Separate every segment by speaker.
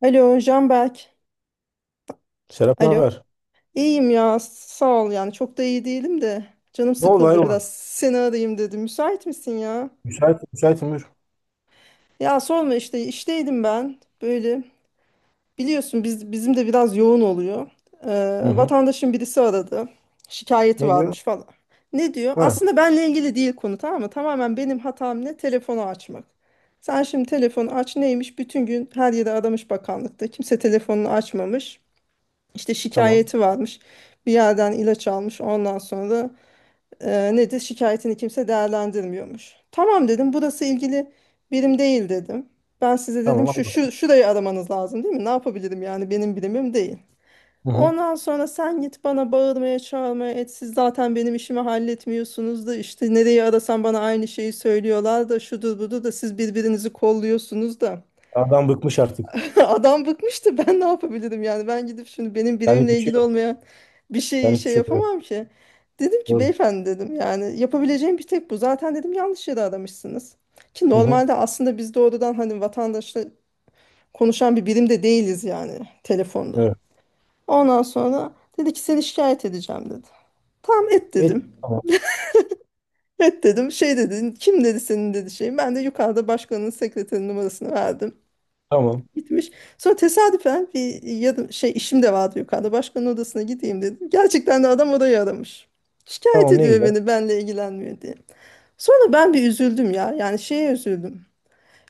Speaker 1: Alo Canberk.
Speaker 2: Serap, ne
Speaker 1: Alo.
Speaker 2: haber?
Speaker 1: İyiyim ya sağ ol yani çok da iyi değilim de canım
Speaker 2: Ne oldu,
Speaker 1: sıkıldı
Speaker 2: hayrola?
Speaker 1: biraz seni arayayım dedim. Müsait misin ya?
Speaker 2: Müsaitim, buyur.
Speaker 1: Ya sorma işte işteydim ben böyle biliyorsun bizim de biraz yoğun oluyor.
Speaker 2: Hı hı.
Speaker 1: Vatandaşın birisi aradı şikayeti
Speaker 2: Ne diyor?
Speaker 1: varmış falan. Ne diyor?
Speaker 2: Ha,
Speaker 1: Aslında benle ilgili değil konu, tamam mı? Tamamen benim hatam ne? Telefonu açmak. Sen şimdi telefonu aç, neymiş? Bütün gün her yere aramış, bakanlıkta kimse telefonunu açmamış. İşte
Speaker 2: tamam.
Speaker 1: şikayeti varmış. Bir yerden ilaç almış. Ondan sonra nedir? Şikayetini kimse değerlendirmiyormuş. Tamam dedim. Burası ilgili birim değil dedim. Ben size dedim
Speaker 2: Tamam
Speaker 1: şu,
Speaker 2: abla.
Speaker 1: şu şurayı aramanız lazım, değil mi? Ne yapabilirim yani, benim birimim değil.
Speaker 2: Hı hı.
Speaker 1: Ondan sonra sen git bana bağırmaya çağırmaya et. Siz zaten benim işimi halletmiyorsunuz da işte nereyi arasam bana aynı şeyi söylüyorlar da şudur budur da siz birbirinizi kolluyorsunuz da.
Speaker 2: Adam bıkmış artık.
Speaker 1: Adam bıkmıştı. Ben ne yapabilirim yani? Ben gidip şimdi benim birimimle
Speaker 2: Senlik bir şey
Speaker 1: ilgili
Speaker 2: yok.
Speaker 1: olmayan bir şey
Speaker 2: Senlik bir
Speaker 1: şey
Speaker 2: şey yok. Evet,
Speaker 1: yapamam ki. Dedim ki
Speaker 2: doğru.
Speaker 1: beyefendi dedim yani yapabileceğim bir tek bu. Zaten dedim yanlış yere aramışsınız. Ki
Speaker 2: Hı hı.
Speaker 1: normalde aslında biz doğrudan hani vatandaşla konuşan bir birim de değiliz yani, telefonda.
Speaker 2: Evet.
Speaker 1: Ondan sonra dedi ki seni şikayet edeceğim dedi. Tamam et
Speaker 2: Et.
Speaker 1: dedim.
Speaker 2: Tamam.
Speaker 1: Et dedim. Şey dedi, kim dedi senin dedi şey. Ben de yukarıda başkanın sekreterinin numarasını verdim.
Speaker 2: Tamam.
Speaker 1: Gitmiş. Sonra tesadüfen bir yardım, şey işim de vardı yukarıda. Başkanın odasına gideyim dedim. Gerçekten de adam orayı aramış. Şikayet
Speaker 2: Tamam, ne
Speaker 1: ediyor
Speaker 2: güzel.
Speaker 1: beni, benle ilgilenmiyor diye. Sonra ben bir üzüldüm ya. Yani şeye üzüldüm.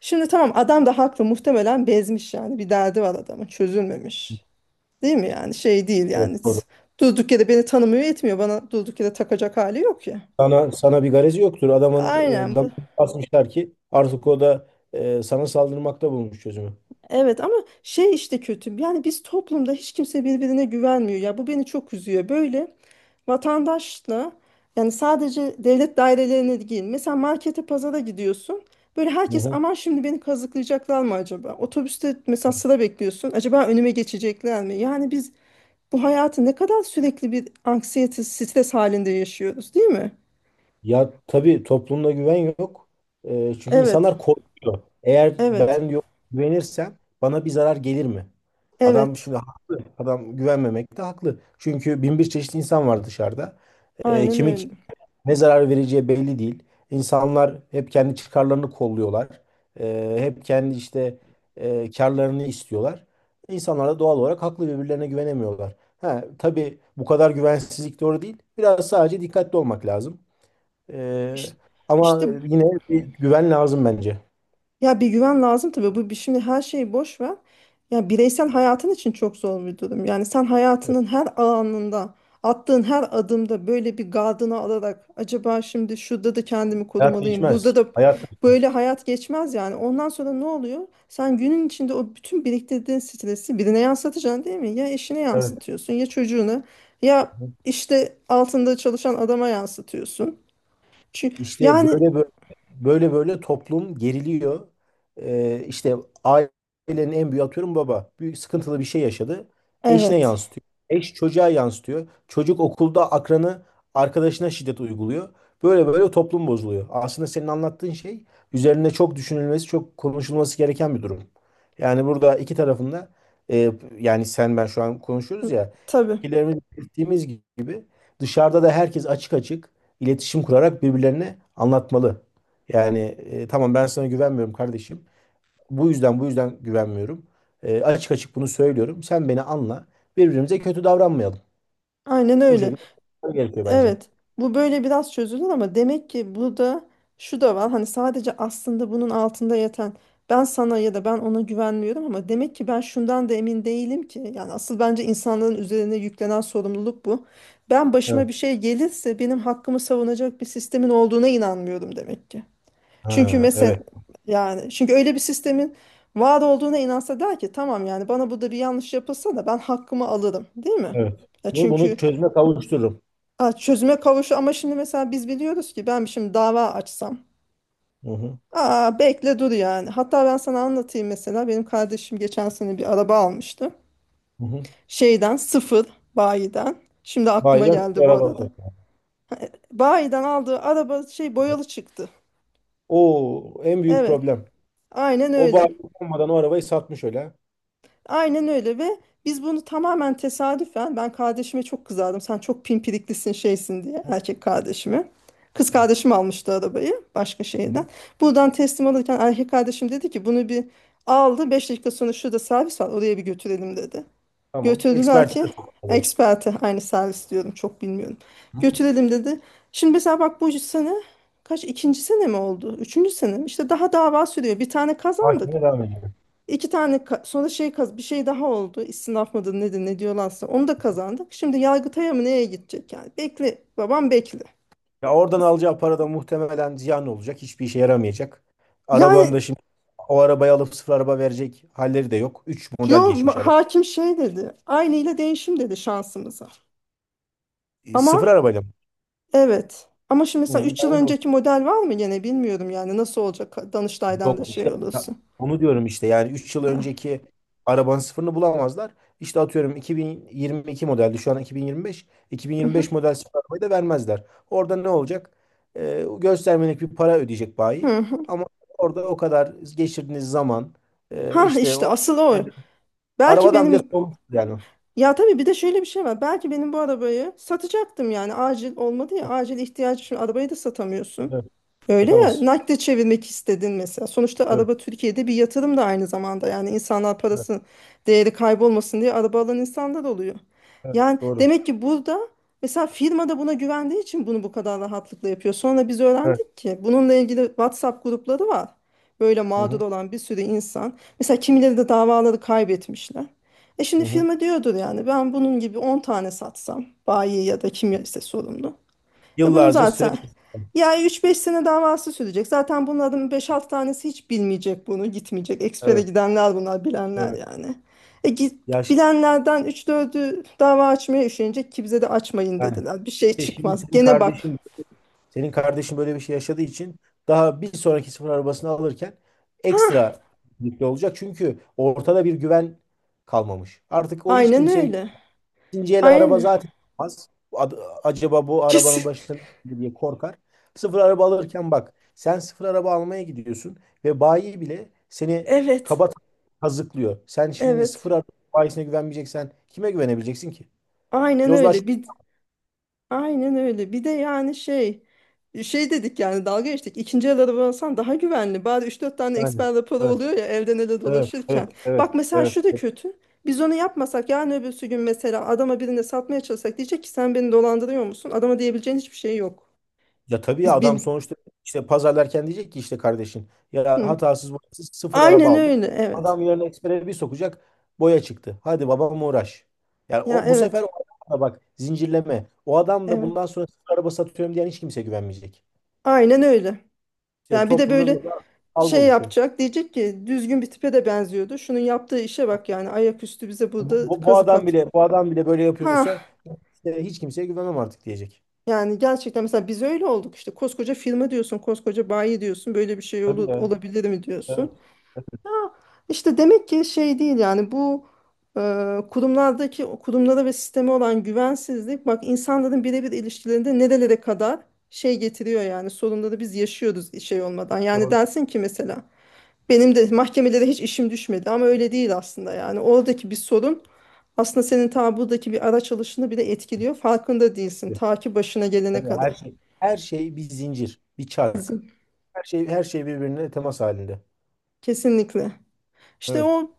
Speaker 1: Şimdi tamam, adam da haklı muhtemelen, bezmiş yani. Bir derdi var adamın, çözülmemiş. Değil mi yani, şey değil
Speaker 2: Evet,
Speaker 1: yani.
Speaker 2: doğru.
Speaker 1: Durduk yere beni tanımıyor etmiyor. Bana durduk yere takacak hali yok ya.
Speaker 2: Sana bir garezi yoktur. Adamın
Speaker 1: Aynen
Speaker 2: damarını
Speaker 1: bu.
Speaker 2: basmışlar ki artık o da sana saldırmakta bulmuş çözümü.
Speaker 1: Evet ama şey işte kötü. Yani biz toplumda hiç kimse birbirine güvenmiyor. Ya bu beni çok üzüyor. Böyle vatandaşla yani, sadece devlet dairelerine değil. Mesela markete, pazara gidiyorsun. Böyle
Speaker 2: Hı
Speaker 1: herkes,
Speaker 2: hı.
Speaker 1: aman şimdi beni kazıklayacaklar mı acaba? Otobüste mesela sıra bekliyorsun. Acaba önüme geçecekler mi? Yani biz bu hayatı ne kadar sürekli bir anksiyete, stres halinde yaşıyoruz, değil mi?
Speaker 2: Ya tabii, toplumda güven yok. Çünkü
Speaker 1: Evet,
Speaker 2: insanlar korkuyor. Eğer
Speaker 1: evet,
Speaker 2: ben yok güvenirsem bana bir zarar gelir mi? Adam
Speaker 1: evet.
Speaker 2: şimdi haklı. Adam güvenmemek de haklı. Çünkü bin bir çeşit insan var dışarıda. Ee,
Speaker 1: Aynen
Speaker 2: kimi
Speaker 1: öyle.
Speaker 2: ki- ne zarar vereceği belli değil. İnsanlar hep kendi çıkarlarını kolluyorlar. Hep kendi işte karlarını istiyorlar. İnsanlar da doğal olarak haklı, birbirlerine güvenemiyorlar. Ha, tabii bu kadar güvensizlik doğru değil. Biraz sadece dikkatli olmak lazım. Ee,
Speaker 1: İşte, işte
Speaker 2: Ama yine bir güven lazım bence.
Speaker 1: ya bir güven lazım tabii. Şimdi her şeyi boş ver. Ya bireysel hayatın için çok zor bir durum. Yani sen
Speaker 2: Evet.
Speaker 1: hayatının her anında, attığın her adımda böyle bir gardını alarak, acaba şimdi şurada da kendimi
Speaker 2: Hayat
Speaker 1: korumalıyım, burada
Speaker 2: değişmez.
Speaker 1: da,
Speaker 2: Hayat
Speaker 1: böyle
Speaker 2: değişmez.
Speaker 1: hayat geçmez yani. Ondan sonra ne oluyor? Sen günün içinde o bütün biriktirdiğin stresi birine yansıtacaksın, değil mi? Ya eşine
Speaker 2: Evet.
Speaker 1: yansıtıyorsun, ya çocuğuna, ya işte altında çalışan adama yansıtıyorsun. Çünkü
Speaker 2: İşte
Speaker 1: yani
Speaker 2: böyle böyle böyle böyle toplum geriliyor. İşte ailenin en büyüğü, atıyorum baba, büyük sıkıntılı bir şey yaşadı. Eşine
Speaker 1: evet.
Speaker 2: yansıtıyor. Eş çocuğa yansıtıyor. Çocuk okulda akranı arkadaşına şiddet uyguluyor. Böyle böyle toplum bozuluyor. Aslında senin anlattığın şey üzerine çok düşünülmesi, çok konuşulması gereken bir durum. Yani burada iki tarafında e, yani sen ben şu an konuşuyoruz ya,
Speaker 1: Tabii.
Speaker 2: fikirlerimizi belirttiğimiz gibi dışarıda da herkes açık açık iletişim kurarak birbirlerine anlatmalı. Yani tamam, ben sana güvenmiyorum kardeşim. Bu yüzden güvenmiyorum. Açık açık bunu söylüyorum. Sen beni anla. Birbirimize kötü davranmayalım.
Speaker 1: Aynen
Speaker 2: Bu
Speaker 1: öyle.
Speaker 2: şekilde gerekiyor bence.
Speaker 1: Evet, bu böyle biraz çözülür ama demek ki burada şu da var. Hani sadece, aslında bunun altında yatan ben sana ya da ben ona güvenmiyorum, ama demek ki ben şundan da emin değilim ki. Yani asıl bence insanların üzerine yüklenen sorumluluk bu. Ben
Speaker 2: Evet.
Speaker 1: başıma bir şey gelirse benim hakkımı savunacak bir sistemin olduğuna inanmıyorum demek ki. Çünkü
Speaker 2: Ha,
Speaker 1: mesela,
Speaker 2: evet.
Speaker 1: yani çünkü öyle bir sistemin var olduğuna inansa der ki tamam yani, bana burada bir yanlış yapılsa da ben hakkımı alırım, değil mi?
Speaker 2: Evet.
Speaker 1: Ya
Speaker 2: Bunu
Speaker 1: çünkü,
Speaker 2: çözüme kavuştururum.
Speaker 1: aa, çözüme kavuşu ama şimdi mesela biz biliyoruz ki ben şimdi dava açsam.
Speaker 2: Hı hı.
Speaker 1: Aa, bekle dur yani. Hatta ben sana anlatayım mesela. Benim kardeşim geçen sene bir araba almıştı.
Speaker 2: Hı hı.
Speaker 1: Şeyden, sıfır bayiden. Şimdi aklıma
Speaker 2: Bayrak
Speaker 1: geldi bu
Speaker 2: arabası.
Speaker 1: arada. Bayiden aldığı araba şey, boyalı çıktı.
Speaker 2: O en büyük
Speaker 1: Evet,
Speaker 2: problem.
Speaker 1: aynen
Speaker 2: O
Speaker 1: öyle.
Speaker 2: bayrak olmadan o arabayı satmış öyle.
Speaker 1: Aynen öyle ve biz bunu tamamen tesadüfen, ben kardeşime çok kızardım. Sen çok pimpiriklisin şeysin diye,
Speaker 2: Ha.
Speaker 1: erkek kardeşime. Kız kardeşim almıştı arabayı, başka
Speaker 2: Hı
Speaker 1: şehirden.
Speaker 2: hı.
Speaker 1: Buradan teslim alırken erkek kardeşim dedi ki bunu bir aldı, 5 dakika sonra şurada servis var oraya bir götürelim dedi.
Speaker 2: Tamam.
Speaker 1: Götürdüler
Speaker 2: Ekspertize
Speaker 1: ki,
Speaker 2: sokalım.
Speaker 1: eksperte, aynı servis diyorum çok bilmiyorum.
Speaker 2: Hı hı.
Speaker 1: Götürelim dedi. Şimdi mesela bak bu sene kaç, ikinci sene mi oldu? Üçüncü sene mi? İşte daha dava sürüyor. Bir tane kazandık.
Speaker 2: Hakimle devam edelim.
Speaker 1: Sonra bir şey daha oldu. İstinaf mıdır nedir ne diyorlarsa onu da kazandık. Şimdi Yargıtay'a mı neye gidecek yani? Bekle babam bekle.
Speaker 2: Ya oradan alacağı para da muhtemelen ziyan olacak. Hiçbir işe yaramayacak. Arabanın da
Speaker 1: Yani
Speaker 2: şimdi o arabayı alıp sıfır araba verecek halleri de yok. 3 model geçmiş araba.
Speaker 1: hakim şey dedi. Aynı ile değişim dedi, şansımıza.
Speaker 2: Sıfır
Speaker 1: Ama
Speaker 2: arabayla mı?
Speaker 1: evet. Ama şimdi
Speaker 2: Hı,
Speaker 1: mesela 3 yıl
Speaker 2: ben öyle oldu.
Speaker 1: önceki model var mı gene bilmiyorum yani nasıl olacak, Danıştay'dan da
Speaker 2: Yok
Speaker 1: şey
Speaker 2: işte ya,
Speaker 1: olursun.
Speaker 2: onu diyorum işte, yani 3 yıl
Speaker 1: Ha,
Speaker 2: önceki arabanın sıfırını bulamazlar. İşte atıyorum, 2022 modeldi, şu an 2025.
Speaker 1: hı hı,
Speaker 2: 2025 model sıfır arabayı da vermezler. Orada ne olacak? Göstermelik bir para ödeyecek bayi.
Speaker 1: hı hı.
Speaker 2: Ama orada o kadar geçirdiğiniz zaman
Speaker 1: Ha,
Speaker 2: işte
Speaker 1: işte
Speaker 2: o
Speaker 1: asıl o. Belki
Speaker 2: arabadan bile
Speaker 1: benim,
Speaker 2: sorumsuz yani.
Speaker 1: ya tabii bir de şöyle bir şey var. Belki benim bu arabayı satacaktım yani, acil olmadı, ya
Speaker 2: Evet,
Speaker 1: acil ihtiyaç için arabayı da satamıyorsun.
Speaker 2: evet.
Speaker 1: Öyle ya,
Speaker 2: Satamaz.
Speaker 1: nakde çevirmek istedin mesela. Sonuçta
Speaker 2: Evet,
Speaker 1: araba Türkiye'de bir yatırım da aynı zamanda. Yani insanlar
Speaker 2: evet,
Speaker 1: parası, değeri kaybolmasın diye araba alan insanlar oluyor.
Speaker 2: evet,
Speaker 1: Yani
Speaker 2: doğru.
Speaker 1: demek ki burada mesela firma da buna güvendiği için bunu bu kadar rahatlıkla yapıyor. Sonra biz
Speaker 2: Evet.
Speaker 1: öğrendik ki bununla ilgili WhatsApp grupları var. Böyle
Speaker 2: Hı
Speaker 1: mağdur
Speaker 2: hı,
Speaker 1: olan bir sürü insan. Mesela kimileri de davaları kaybetmişler. E
Speaker 2: hı
Speaker 1: şimdi
Speaker 2: hı. Evet.
Speaker 1: firma diyordur yani, ben bunun gibi 10 tane satsam, bayi ya da kim ise sorumlu. E bunun
Speaker 2: Yıllarca
Speaker 1: zaten
Speaker 2: süreç.
Speaker 1: ya üç beş sene davası sürecek. Zaten bunların beş 6 tanesi hiç bilmeyecek bunu, gitmeyecek. Ekspere
Speaker 2: Evet,
Speaker 1: gidenler bunlar, bilenler
Speaker 2: evet.
Speaker 1: yani. E git,
Speaker 2: Ya şimdi
Speaker 1: bilenlerden üç dördü dava açmaya üşenecek ki bize de açmayın
Speaker 2: Yani
Speaker 1: dediler. Bir şey
Speaker 2: E Şimdi
Speaker 1: çıkmaz.
Speaker 2: senin
Speaker 1: Gene bak.
Speaker 2: kardeşin senin kardeşin böyle bir şey yaşadığı için daha bir sonraki sıfır arabasını alırken
Speaker 1: Hah,
Speaker 2: ekstra dikkatli olacak. Çünkü ortada bir güven kalmamış. Artık o hiç
Speaker 1: aynen
Speaker 2: kimseye.
Speaker 1: öyle.
Speaker 2: İkinci el araba
Speaker 1: Aynen.
Speaker 2: zaten az. Acaba bu
Speaker 1: Kesin.
Speaker 2: arabanın başına ne gelir diye korkar. Sıfır araba alırken bak, sen sıfır araba almaya gidiyorsun ve bayi bile seni
Speaker 1: Evet.
Speaker 2: kaba kazıklıyor. Sen şimdi
Speaker 1: Evet.
Speaker 2: sıfır araba bayisine güvenmeyeceksen kime güvenebileceksin ki?
Speaker 1: Aynen
Speaker 2: Yozlaş.
Speaker 1: öyle. Bir, aynen öyle. Bir de yani şey şey dedik yani, dalga geçtik. İkinci el araba alsan daha güvenli. Bari üç dört tane
Speaker 2: Yani.
Speaker 1: eksper raporu
Speaker 2: Evet,
Speaker 1: oluyor ya, evden ele
Speaker 2: evet, evet,
Speaker 1: dolaşırken.
Speaker 2: evet,
Speaker 1: Bak mesela
Speaker 2: evet.
Speaker 1: şu da kötü. Biz onu yapmasak yarın öbürsü gün mesela adama, birine satmaya çalışsak diyecek ki sen beni dolandırıyor musun? Adama diyebileceğin hiçbir şey yok.
Speaker 2: Ya tabii ya,
Speaker 1: Biz
Speaker 2: adam
Speaker 1: bin.
Speaker 2: sonuçta işte pazarlarken diyecek ki, işte kardeşin ya,
Speaker 1: Hı.
Speaker 2: hatasız boyasız sıfır araba
Speaker 1: Aynen
Speaker 2: aldım.
Speaker 1: öyle, evet.
Speaker 2: Adam yarın ekspere bir sokacak, boya çıktı. Hadi babam uğraş. Yani
Speaker 1: Ya
Speaker 2: bu sefer o
Speaker 1: evet.
Speaker 2: adam da bak, zincirleme. O adam da
Speaker 1: Evet.
Speaker 2: bundan sonra sıfır araba satıyorum diyen hiç kimse güvenmeyecek.
Speaker 1: Aynen öyle.
Speaker 2: İşte
Speaker 1: Yani bir de
Speaker 2: toplumda
Speaker 1: böyle
Speaker 2: böyle bir algı
Speaker 1: şey
Speaker 2: oluşuyor.
Speaker 1: yapacak, diyecek ki düzgün bir tipe de benziyordu, şunun yaptığı işe bak yani, ayaküstü bize
Speaker 2: Bu,
Speaker 1: burada
Speaker 2: bu, bu
Speaker 1: kazık
Speaker 2: adam
Speaker 1: at.
Speaker 2: bile bu adam bile böyle yapıyorsa,
Speaker 1: Ha,
Speaker 2: işte hiç kimseye güvenemem artık diyecek.
Speaker 1: yani gerçekten mesela biz öyle olduk, işte koskoca firma diyorsun, koskoca bayi diyorsun, böyle bir şey olur,
Speaker 2: Tabii ya.
Speaker 1: olabilir mi
Speaker 2: Evet.
Speaker 1: diyorsun. Ya işte demek ki şey değil yani, bu kurumlardaki, kurumlara ve sisteme olan güvensizlik bak insanların birebir ilişkilerinde nerelere kadar şey getiriyor yani, sorunları biz yaşıyoruz şey olmadan. Yani
Speaker 2: Doğru.
Speaker 1: dersin ki mesela benim de mahkemelere hiç işim düşmedi ama öyle değil aslında yani. Oradaki bir sorun aslında senin ta buradaki bir araç alışını bile etkiliyor. Farkında değilsin ta ki başına gelene
Speaker 2: Tabii, her
Speaker 1: kadar.
Speaker 2: şey her şey bir zincir, bir çark.
Speaker 1: Bizim.
Speaker 2: Her şey her şey birbirine temas halinde.
Speaker 1: Kesinlikle. İşte
Speaker 2: Evet.
Speaker 1: o,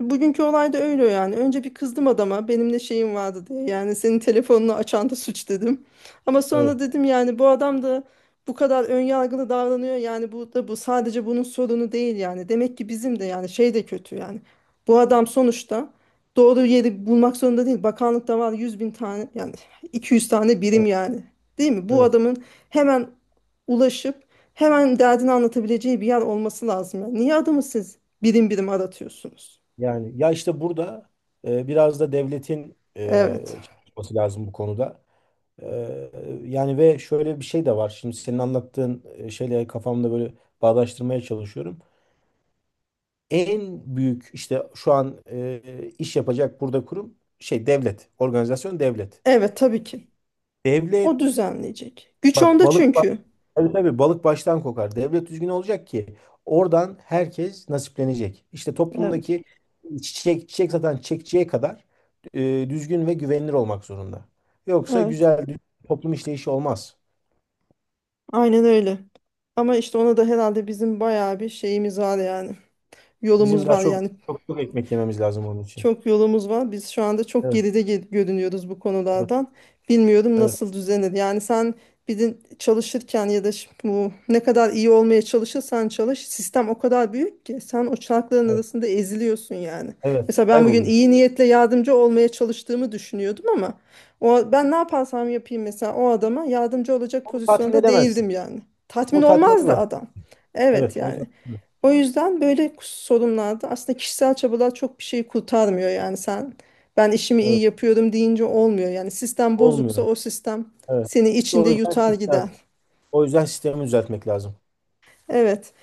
Speaker 1: bugünkü olay da öyle yani. Önce bir kızdım adama, benimle şeyim vardı diye. Yani senin telefonunu açan da suç dedim. Ama sonra
Speaker 2: Evet,
Speaker 1: dedim yani bu adam da bu kadar önyargılı davranıyor. Yani bu da, bu sadece bunun sorunu değil yani. Demek ki bizim de yani şey de kötü yani. Bu adam sonuçta doğru yeri bulmak zorunda değil. Bakanlıkta var 100.000 tane yani, 200 tane
Speaker 2: evet,
Speaker 1: birim yani. Değil mi? Bu
Speaker 2: evet.
Speaker 1: adamın hemen ulaşıp hemen derdini anlatabileceği bir yer olması lazım. Yani, niye adamı siz birim birim aratıyorsunuz?
Speaker 2: Yani ya işte burada biraz da devletin
Speaker 1: Evet.
Speaker 2: çalışması lazım bu konuda. E, Yani ve şöyle bir şey de var. Şimdi senin anlattığın şeyle kafamda böyle bağdaştırmaya çalışıyorum. En büyük işte şu an iş yapacak burada kurum, şey devlet, organizasyon devlet.
Speaker 1: Evet tabii ki. O
Speaker 2: Devlet
Speaker 1: düzenleyecek. Güç
Speaker 2: bak,
Speaker 1: onda
Speaker 2: balık.
Speaker 1: çünkü.
Speaker 2: Tabii tabii, balık baştan kokar. Devlet düzgün olacak ki oradan herkes nasiplenecek. İşte
Speaker 1: Evet.
Speaker 2: toplumdaki çiçek çiçek satan çiçekçiye kadar düzgün ve güvenilir olmak zorunda. Yoksa
Speaker 1: Evet.
Speaker 2: güzel düzgün toplum işleyişi olmaz.
Speaker 1: Aynen öyle. Ama işte ona da herhalde bizim bayağı bir şeyimiz var yani.
Speaker 2: Bizim
Speaker 1: Yolumuz
Speaker 2: daha
Speaker 1: var
Speaker 2: çok
Speaker 1: yani.
Speaker 2: çok çok ekmek yememiz lazım onun için.
Speaker 1: Çok yolumuz var. Biz şu anda çok
Speaker 2: Evet,
Speaker 1: geride görünüyoruz bu
Speaker 2: evet,
Speaker 1: konulardan. Bilmiyorum
Speaker 2: evet,
Speaker 1: nasıl düzenir. Yani sen bir de çalışırken ya da bu ne kadar iyi olmaya çalışırsan çalış, sistem o kadar büyük ki sen o çarkların
Speaker 2: evet.
Speaker 1: arasında eziliyorsun yani.
Speaker 2: Evet.
Speaker 1: Mesela ben bugün
Speaker 2: Kayboluyorsun.
Speaker 1: iyi niyetle yardımcı olmaya çalıştığımı düşünüyordum ama o, ben ne yaparsam yapayım mesela o adama yardımcı olacak
Speaker 2: Onu tatmin
Speaker 1: pozisyonda
Speaker 2: edemezsin.
Speaker 1: değildim yani. Tatmin
Speaker 2: Onu tatmin
Speaker 1: olmazdı
Speaker 2: edemezsin.
Speaker 1: adam. Evet
Speaker 2: Evet, onu
Speaker 1: yani.
Speaker 2: tatmin edemezsin.
Speaker 1: O yüzden böyle sorunlarda aslında kişisel çabalar çok bir şey kurtarmıyor yani, sen ben işimi iyi
Speaker 2: Evet,
Speaker 1: yapıyorum deyince olmuyor yani, sistem bozuksa
Speaker 2: olmuyor.
Speaker 1: o sistem
Speaker 2: Evet.
Speaker 1: seni
Speaker 2: İşte
Speaker 1: içinde yutar gider.
Speaker 2: o yüzden sistemi düzeltmek lazım.
Speaker 1: Evet,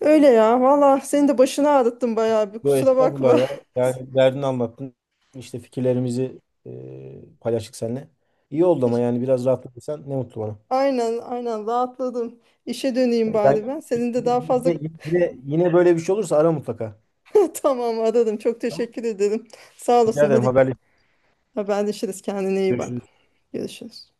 Speaker 1: öyle ya valla, senin de başını ağrıttım bayağı bir,
Speaker 2: Yo
Speaker 1: kusura
Speaker 2: estağfurullah
Speaker 1: bakma.
Speaker 2: ya. Yani derdini anlattın. İşte fikirlerimizi paylaştık seninle. İyi oldu ama
Speaker 1: Teş-
Speaker 2: yani biraz rahatladıysan ne mutlu bana.
Speaker 1: Aynen, aynen rahatladım, işe döneyim
Speaker 2: Yani
Speaker 1: bari ben, senin de daha fazla
Speaker 2: yine, yine, yine böyle bir şey olursa ara mutlaka.
Speaker 1: tamam, aradım çok
Speaker 2: Tamam.
Speaker 1: teşekkür ederim, sağ
Speaker 2: Rica
Speaker 1: olasın,
Speaker 2: ederim,
Speaker 1: hadi
Speaker 2: haberleşiriz.
Speaker 1: haberleşiriz, kendine iyi bak,
Speaker 2: Görüşürüz.
Speaker 1: görüşürüz.